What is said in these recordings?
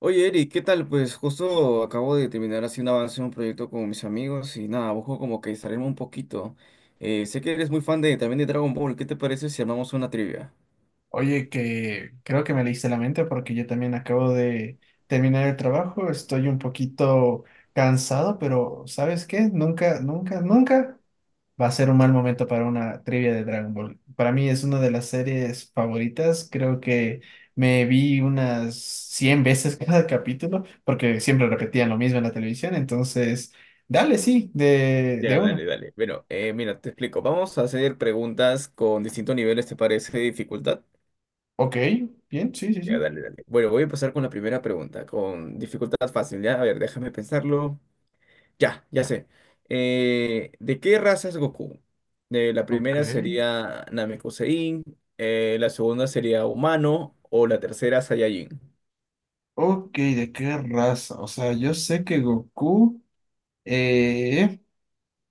Oye, Eric, ¿qué tal? Pues justo acabo de terminar haciendo avance en un proyecto con mis amigos y nada, busco como que distraerme un poquito. Sé que eres muy fan de también de Dragon Ball. ¿Qué te parece si armamos una trivia? Oye, que creo que me leíste la mente porque yo también acabo de terminar el trabajo, estoy un poquito cansado, pero ¿sabes qué? Nunca, nunca, nunca va a ser un mal momento para una trivia de Dragon Ball. Para mí es una de las series favoritas, creo que me vi unas 100 veces cada capítulo porque siempre repetían lo mismo en la televisión, entonces, dale, sí, de, Ya, de dale, una. dale. Bueno, mira, te explico. Vamos a hacer preguntas con distintos niveles, ¿te parece de dificultad? Ok, bien, sí, sí, Ya, sí. dale, dale. Bueno, voy a empezar con la primera pregunta, con dificultad fácil, ¿ya? A ver, déjame pensarlo. Ya sé. ¿De qué raza es Goku? De la Ok. primera sería Namekusein, la segunda sería humano o la tercera Saiyajin. Ok, ¿de qué raza? O sea, yo sé que Goku eh,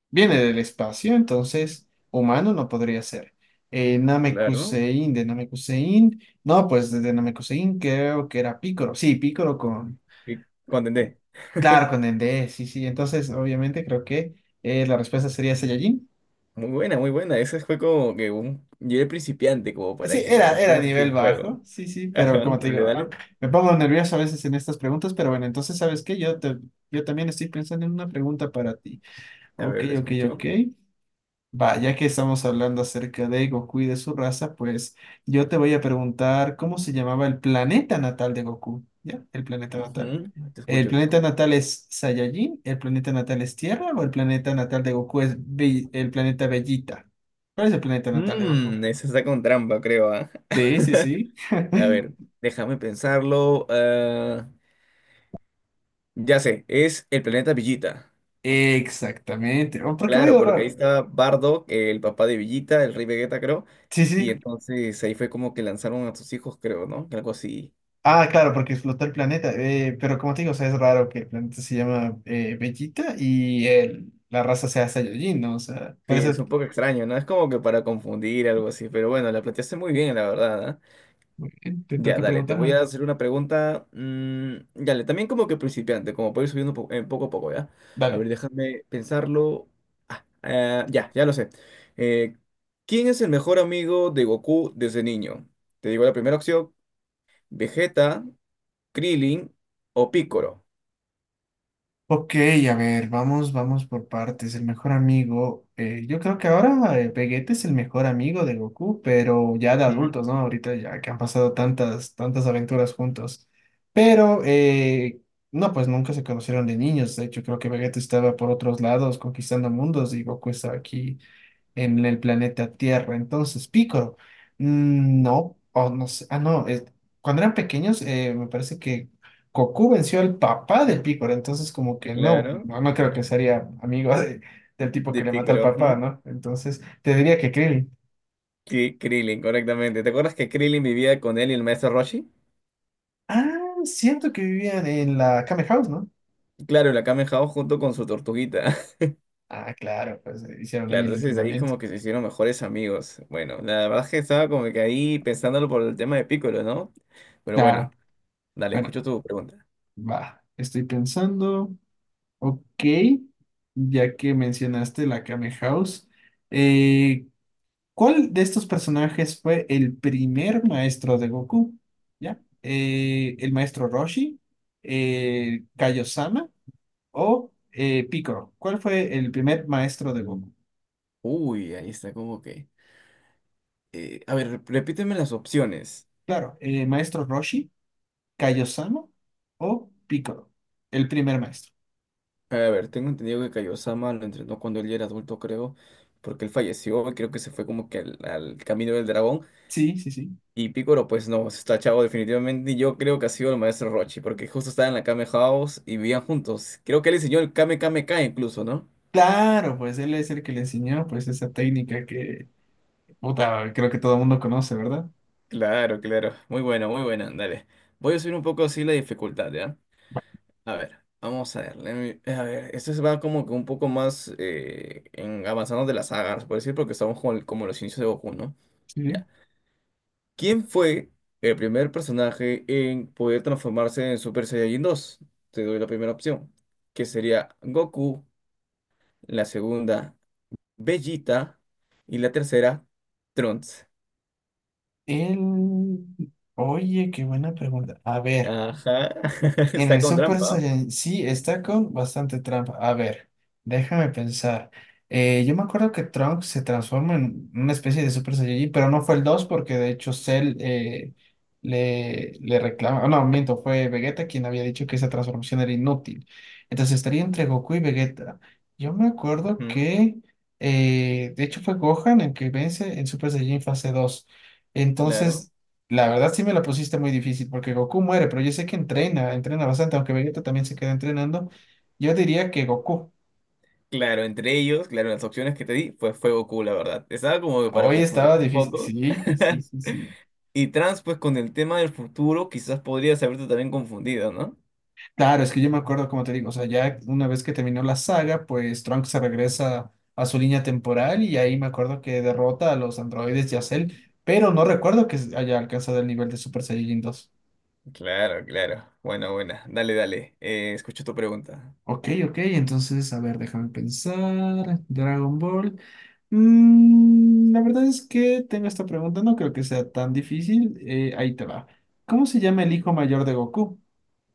viene del espacio, entonces humano no podría ser. Eh, Claro, ¿no? Namekusein, de Namekusein, no, pues desde Namekusein creo que era Picoro. Sí, Picoro con, Y Contendé. claro, con el D, sí, sí. Entonces, obviamente creo que la respuesta sería Saiyajin. Muy buena, muy buena. Ese fue como que un... Yo era principiante, como para Sí, que era, era entremos así nivel en bajo, juego. sí, sí, pero Ajá, como te dale, digo, dale. me pongo nervioso a veces en estas preguntas, pero bueno, entonces, ¿sabes qué? Yo también estoy pensando en una pregunta para ti. A Ok, ver, te ok, ok. escucho. Va, ya que estamos hablando acerca de Goku y de su raza, pues yo te voy a preguntar cómo se llamaba el planeta natal de Goku, ¿ya? El planeta natal. Ujú, te ¿El escucho, te planeta escucho. natal es Saiyajin? ¿El planeta natal es Tierra? ¿O el planeta natal de Goku es el planeta Bellita? ¿Cuál es el planeta natal de Goku? Mmm, esa está con trampa, creo, ¿ah? Sí, sí, sí. A ver, déjame pensarlo. Ya sé, es el planeta Villita. Exactamente. Oh, ¿por qué me he Claro, ido porque ahí raro? estaba Bardock, el papá de Villita, el rey Vegeta, creo. Sí, sí. Y entonces ahí fue como que lanzaron a sus hijos, creo, ¿no? Algo así. Ah, claro, porque explotó el planeta. Pero como te digo, o sea, es raro que el planeta se llama Bellita y la raza sea Saiyajin, ¿no? O sea, Sí, parece. es Eso un poco extraño, ¿no? Es como que para confundir, algo así. Pero bueno, la planteaste muy bien, la verdad, ¿ah? Te Ya, toca dale, te voy preguntarme. a hacer una pregunta. Dale, también como que principiante, como para ir subiendo poco a poco, ¿ya? A Dale. ver, déjame pensarlo. Ya lo sé. Eh, ¿Quién es el mejor amigo de Goku desde niño? Te digo la primera opción, Vegeta. Krillin o Pícoro. Ok, a ver, vamos por partes. El mejor amigo, yo creo que ahora Vegeta es el mejor amigo de Goku, pero ya de Ujú. adultos, ¿no? Ahorita ya que han pasado tantas, tantas aventuras juntos. Pero, no, pues nunca se conocieron de niños. De hecho, creo que Vegeta estaba por otros lados conquistando mundos y Goku estaba aquí en el planeta Tierra. Entonces, Pícoro, mm, no, o no sé, ah, no, cuando eran pequeños, me parece que Goku venció al papá de Pícoro, entonces como que no, Claro, no, no creo que sería del tipo que de le mata al Pícoro. papá, Ujú. ¿no? Entonces, te diría que Krillin. Krillin, correctamente. ¿Te acuerdas que Krillin vivía con él y el maestro Roshi? Ah, siento que vivían en la Kame House, ¿no? Claro, y la Kamen Hao junto con su tortuguita. Ah, claro, pues hicieron ahí Claro, el entonces ahí entrenamiento. como que se hicieron mejores amigos. Bueno, la verdad es que estaba como que ahí pensándolo por el tema de Piccolo, ¿no? Pero Claro, bueno, dale, bueno, escucho tu pregunta. va, estoy pensando. Ok, ya que mencionaste la Kame House, eh, ¿cuál de estos personajes fue el primer maestro de Goku? ¿Ya? ¿El maestro Roshi, Kaiosama o Piccolo? ¿Cuál fue el primer maestro de Goku? Uy, ahí está como que... a ver, repíteme las opciones. Claro, maestro Roshi, Kaiosama o Piccolo, el primer maestro. A ver, tengo entendido que Kaiosama lo entrenó cuando él ya era adulto, creo, porque él falleció, creo que se fue como que al camino del dragón. Sí, sí, sí. Y Picoro, pues no, está chavo definitivamente. Y yo creo que ha sido el maestro Rochi, porque justo estaba en la Kame House y vivían juntos. Creo que él enseñó el Kame Kame K incluso, ¿no? Claro, pues él es el que le enseñó pues esa técnica que, puta, creo que todo el mundo conoce, ¿verdad? Claro, claro. Muy buena, muy buena. Dale. Voy a subir un poco así la dificultad, ¿ya? A ver, vamos a ver. A ver, esto se va como que un poco más en avanzando de las sagas, por decir, porque estamos con, como en los inicios de Goku, ¿no? Sí. Ya. ¿Quién fue el primer personaje en poder transformarse en Super Saiyajin 2? Te doy la primera opción, que sería Goku, la segunda, Vegeta y la tercera, Trunks. El... Oye, qué buena pregunta. A ver. Ajá, En está el con Super trampa. Saiyan sí está con bastante trampa. A ver, déjame pensar. Yo me acuerdo que Trunks se transforma en una especie de Super Saiyajin, pero no fue el 2 porque de hecho Cell le reclama. No, miento, fue Vegeta quien había dicho que esa transformación era inútil. Entonces estaría entre Goku y Vegeta. Yo me acuerdo Ujú, que de hecho fue Gohan el que vence en Super Saiyajin fase 2. claro, Entonces la verdad sí me la pusiste muy difícil porque Goku muere, pero yo sé que entrena, entrena bastante, aunque Vegeta también se queda entrenando. Yo diría que Goku. claro, entre ellos, claro, las opciones que te di, pues fue Goku, la verdad. Estaba como que para Hoy estaba confundirte un difícil. poco. Sí, sí, sí, sí. Y Trunks, pues con el tema del futuro, quizás podrías haberte también confundido, ¿no? Claro, es que yo me acuerdo, como te digo, o sea, ya una vez que terminó la saga, pues Trunks se regresa a su línea temporal y ahí me acuerdo que derrota a los androides y a Cell, pero no recuerdo que haya alcanzado el nivel de Super Saiyajin dos. Claro, claro. Bueno, buena. Dale, dale. Escucho tu pregunta. Ok, ok, entonces, a ver, déjame pensar. Dragon Ball. Mm, la verdad es que tengo esta pregunta, no creo que sea tan difícil. Ahí te va. ¿Cómo se llama el hijo mayor de Goku?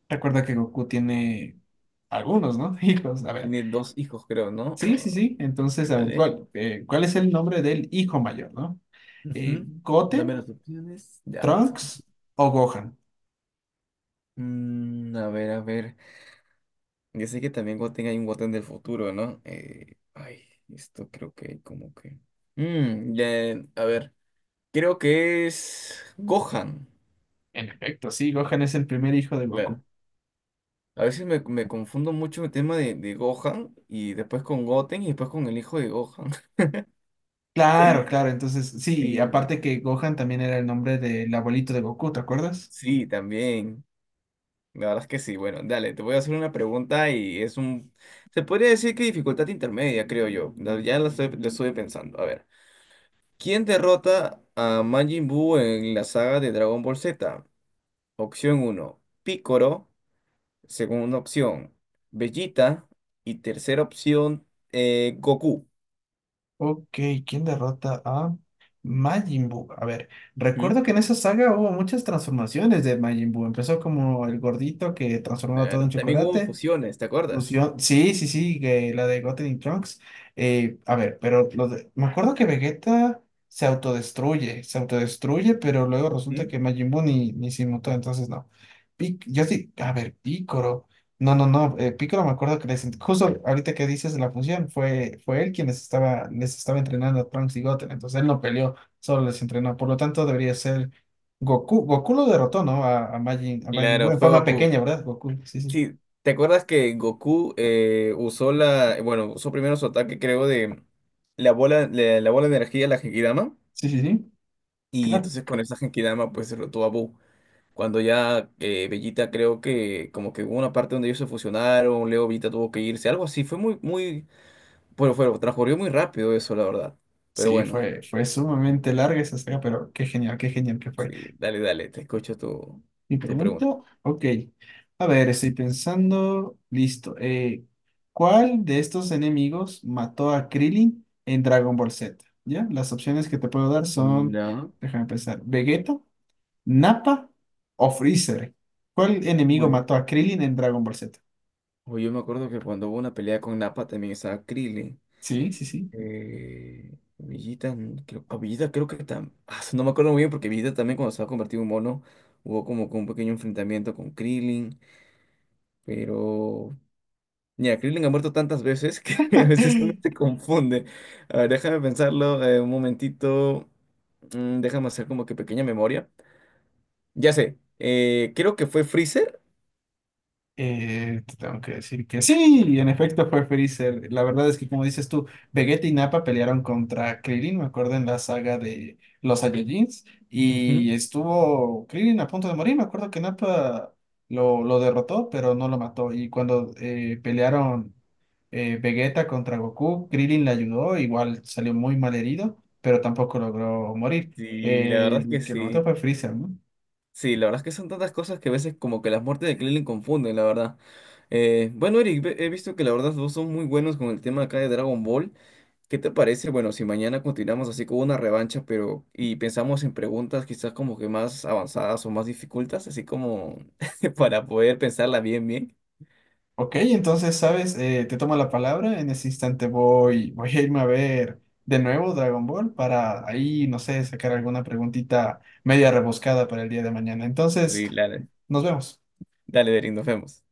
Recuerda que Goku tiene algunos, ¿no? Hijos, a ver. Tiene dos hijos, creo, ¿no? Sí, sí, Ah, sí. Entonces, a ver, dale. ¿Cuál es el nombre del hijo mayor, ¿no? Ujú. Dame ¿Goten, las opciones. Ya. Trunks o Gohan? Mm, a ver, a ver. Yo sé que también Goten hay un Goten del futuro, ¿no? Esto creo que como que... Mm, ya, a ver. Creo que es Gohan. En efecto, sí, Gohan es el primer hijo de Goku. Claro. A veces me confundo mucho el tema de Gohan y después con Goten y después con el hijo de Gohan. Claro, claro. Entonces, sí, Sí, aparte que Gohan también era el nombre del abuelito de Goku, ¿te acuerdas? sí, también. La verdad es que sí. Bueno, dale, te voy a hacer una pregunta y es un... Se podría decir que dificultad intermedia, creo yo. Ya la estoy, la estuve pensando. A ver. ¿Quién derrota a Majin Buu en la saga de Dragon Ball Z? Opción uno Piccolo. Segunda opción, Vegeta. Y tercera opción, Goku. Ok, ¿quién derrota a Majin Buu? A ver, Ujú. recuerdo que en esa saga hubo muchas transformaciones de Majin Buu. Empezó como el gordito que transformaba todo en Claro, también hubo chocolate. fusiones, ¿te acuerdas? Fusión, sí, sí, sí, que la de Goten y Trunks. A ver, me acuerdo que Vegeta se autodestruye, pero luego resulta Ujú. que Majin Buu ni se inmutó, entonces no. Yo sí, a ver, Picoro. No, no, no, Picoro me acuerdo que les, justo ahorita que dices de la fusión, fue él quien les estaba entrenando a Trunks y Goten, entonces él no peleó, solo les entrenó, por lo tanto debería ser Goku. Goku lo derrotó, ¿no? A Majin Buu Claro, en fue forma Goku. pequeña, ¿verdad? Goku, sí, sí, Sí, ¿te acuerdas que Goku usó la, bueno, usó primero su ataque, creo, de la bola, la bola de energía, la Genkidama, sí, sí, sí. y Claro. entonces con esa Genkidama pues derrotó a Buu. Cuando ya Vegeta creo que como que hubo una parte donde ellos se fusionaron, Leo Vegeta tuvo que irse, algo así, fue bueno, fue, transcurrió muy rápido eso, la verdad. Pero Sí, bueno, fue, fue sumamente larga esa saga, pero qué genial que sí, fue. dale, dale, te escucho Mi tu pregunta, pregunta. ok. A ver, estoy pensando, listo. ¿Cuál de estos enemigos mató a Krillin en Dragon Ball Z? ¿Ya? Las opciones que te puedo dar son, No. déjame pensar, Vegeta, Nappa o Freezer. ¿Cuál enemigo Uy, mató a Krillin en Dragon Ball Z? oye, yo me acuerdo que cuando hubo una pelea con Nappa también estaba Krillin. Sí, sí, sí. Eh, Villita, creo, a Villita creo que no me acuerdo muy bien porque Villita también cuando se ha convertido en mono hubo como que un pequeño enfrentamiento con Krillin, pero mira, Krillin ha muerto tantas veces que a veces uno se confunde. A ver, déjame pensarlo un momentito, déjame hacer como que pequeña memoria. Ya sé, creo que fue Freezer. Te tengo que decir que sí, y en efecto fue Freezer. La verdad es que, como dices tú, Vegeta y Nappa pelearon contra Krillin, me acuerdo, en la saga de los Saiyajins, Ujú. y estuvo Krillin a punto de morir. Me acuerdo que Nappa lo derrotó, pero no lo mató. Y cuando pelearon Vegeta contra Goku, Krillin le ayudó, igual salió muy mal herido, pero tampoco logró morir. Sí, la verdad es que El que lo mató sí. fue Freezer, ¿no? Sí, la verdad es que son tantas cosas que a veces como que las muertes de Krillin confunden, la verdad. Bueno, Eric, he visto que la verdad vos son muy buenos con el tema acá de Dragon Ball. ¿Qué te parece? Bueno, si mañana continuamos así con una revancha, pero y pensamos en preguntas quizás como que más avanzadas o más dificultas, así como para poder pensarla bien. Ok, entonces, ¿sabes? Te tomo la palabra. En ese instante voy a irme a ver de nuevo Dragon Ball para ahí, no sé, sacar alguna preguntita media rebuscada para el día de mañana. Entonces, Sí, dale, nos vemos. dale, Eric, nos vemos.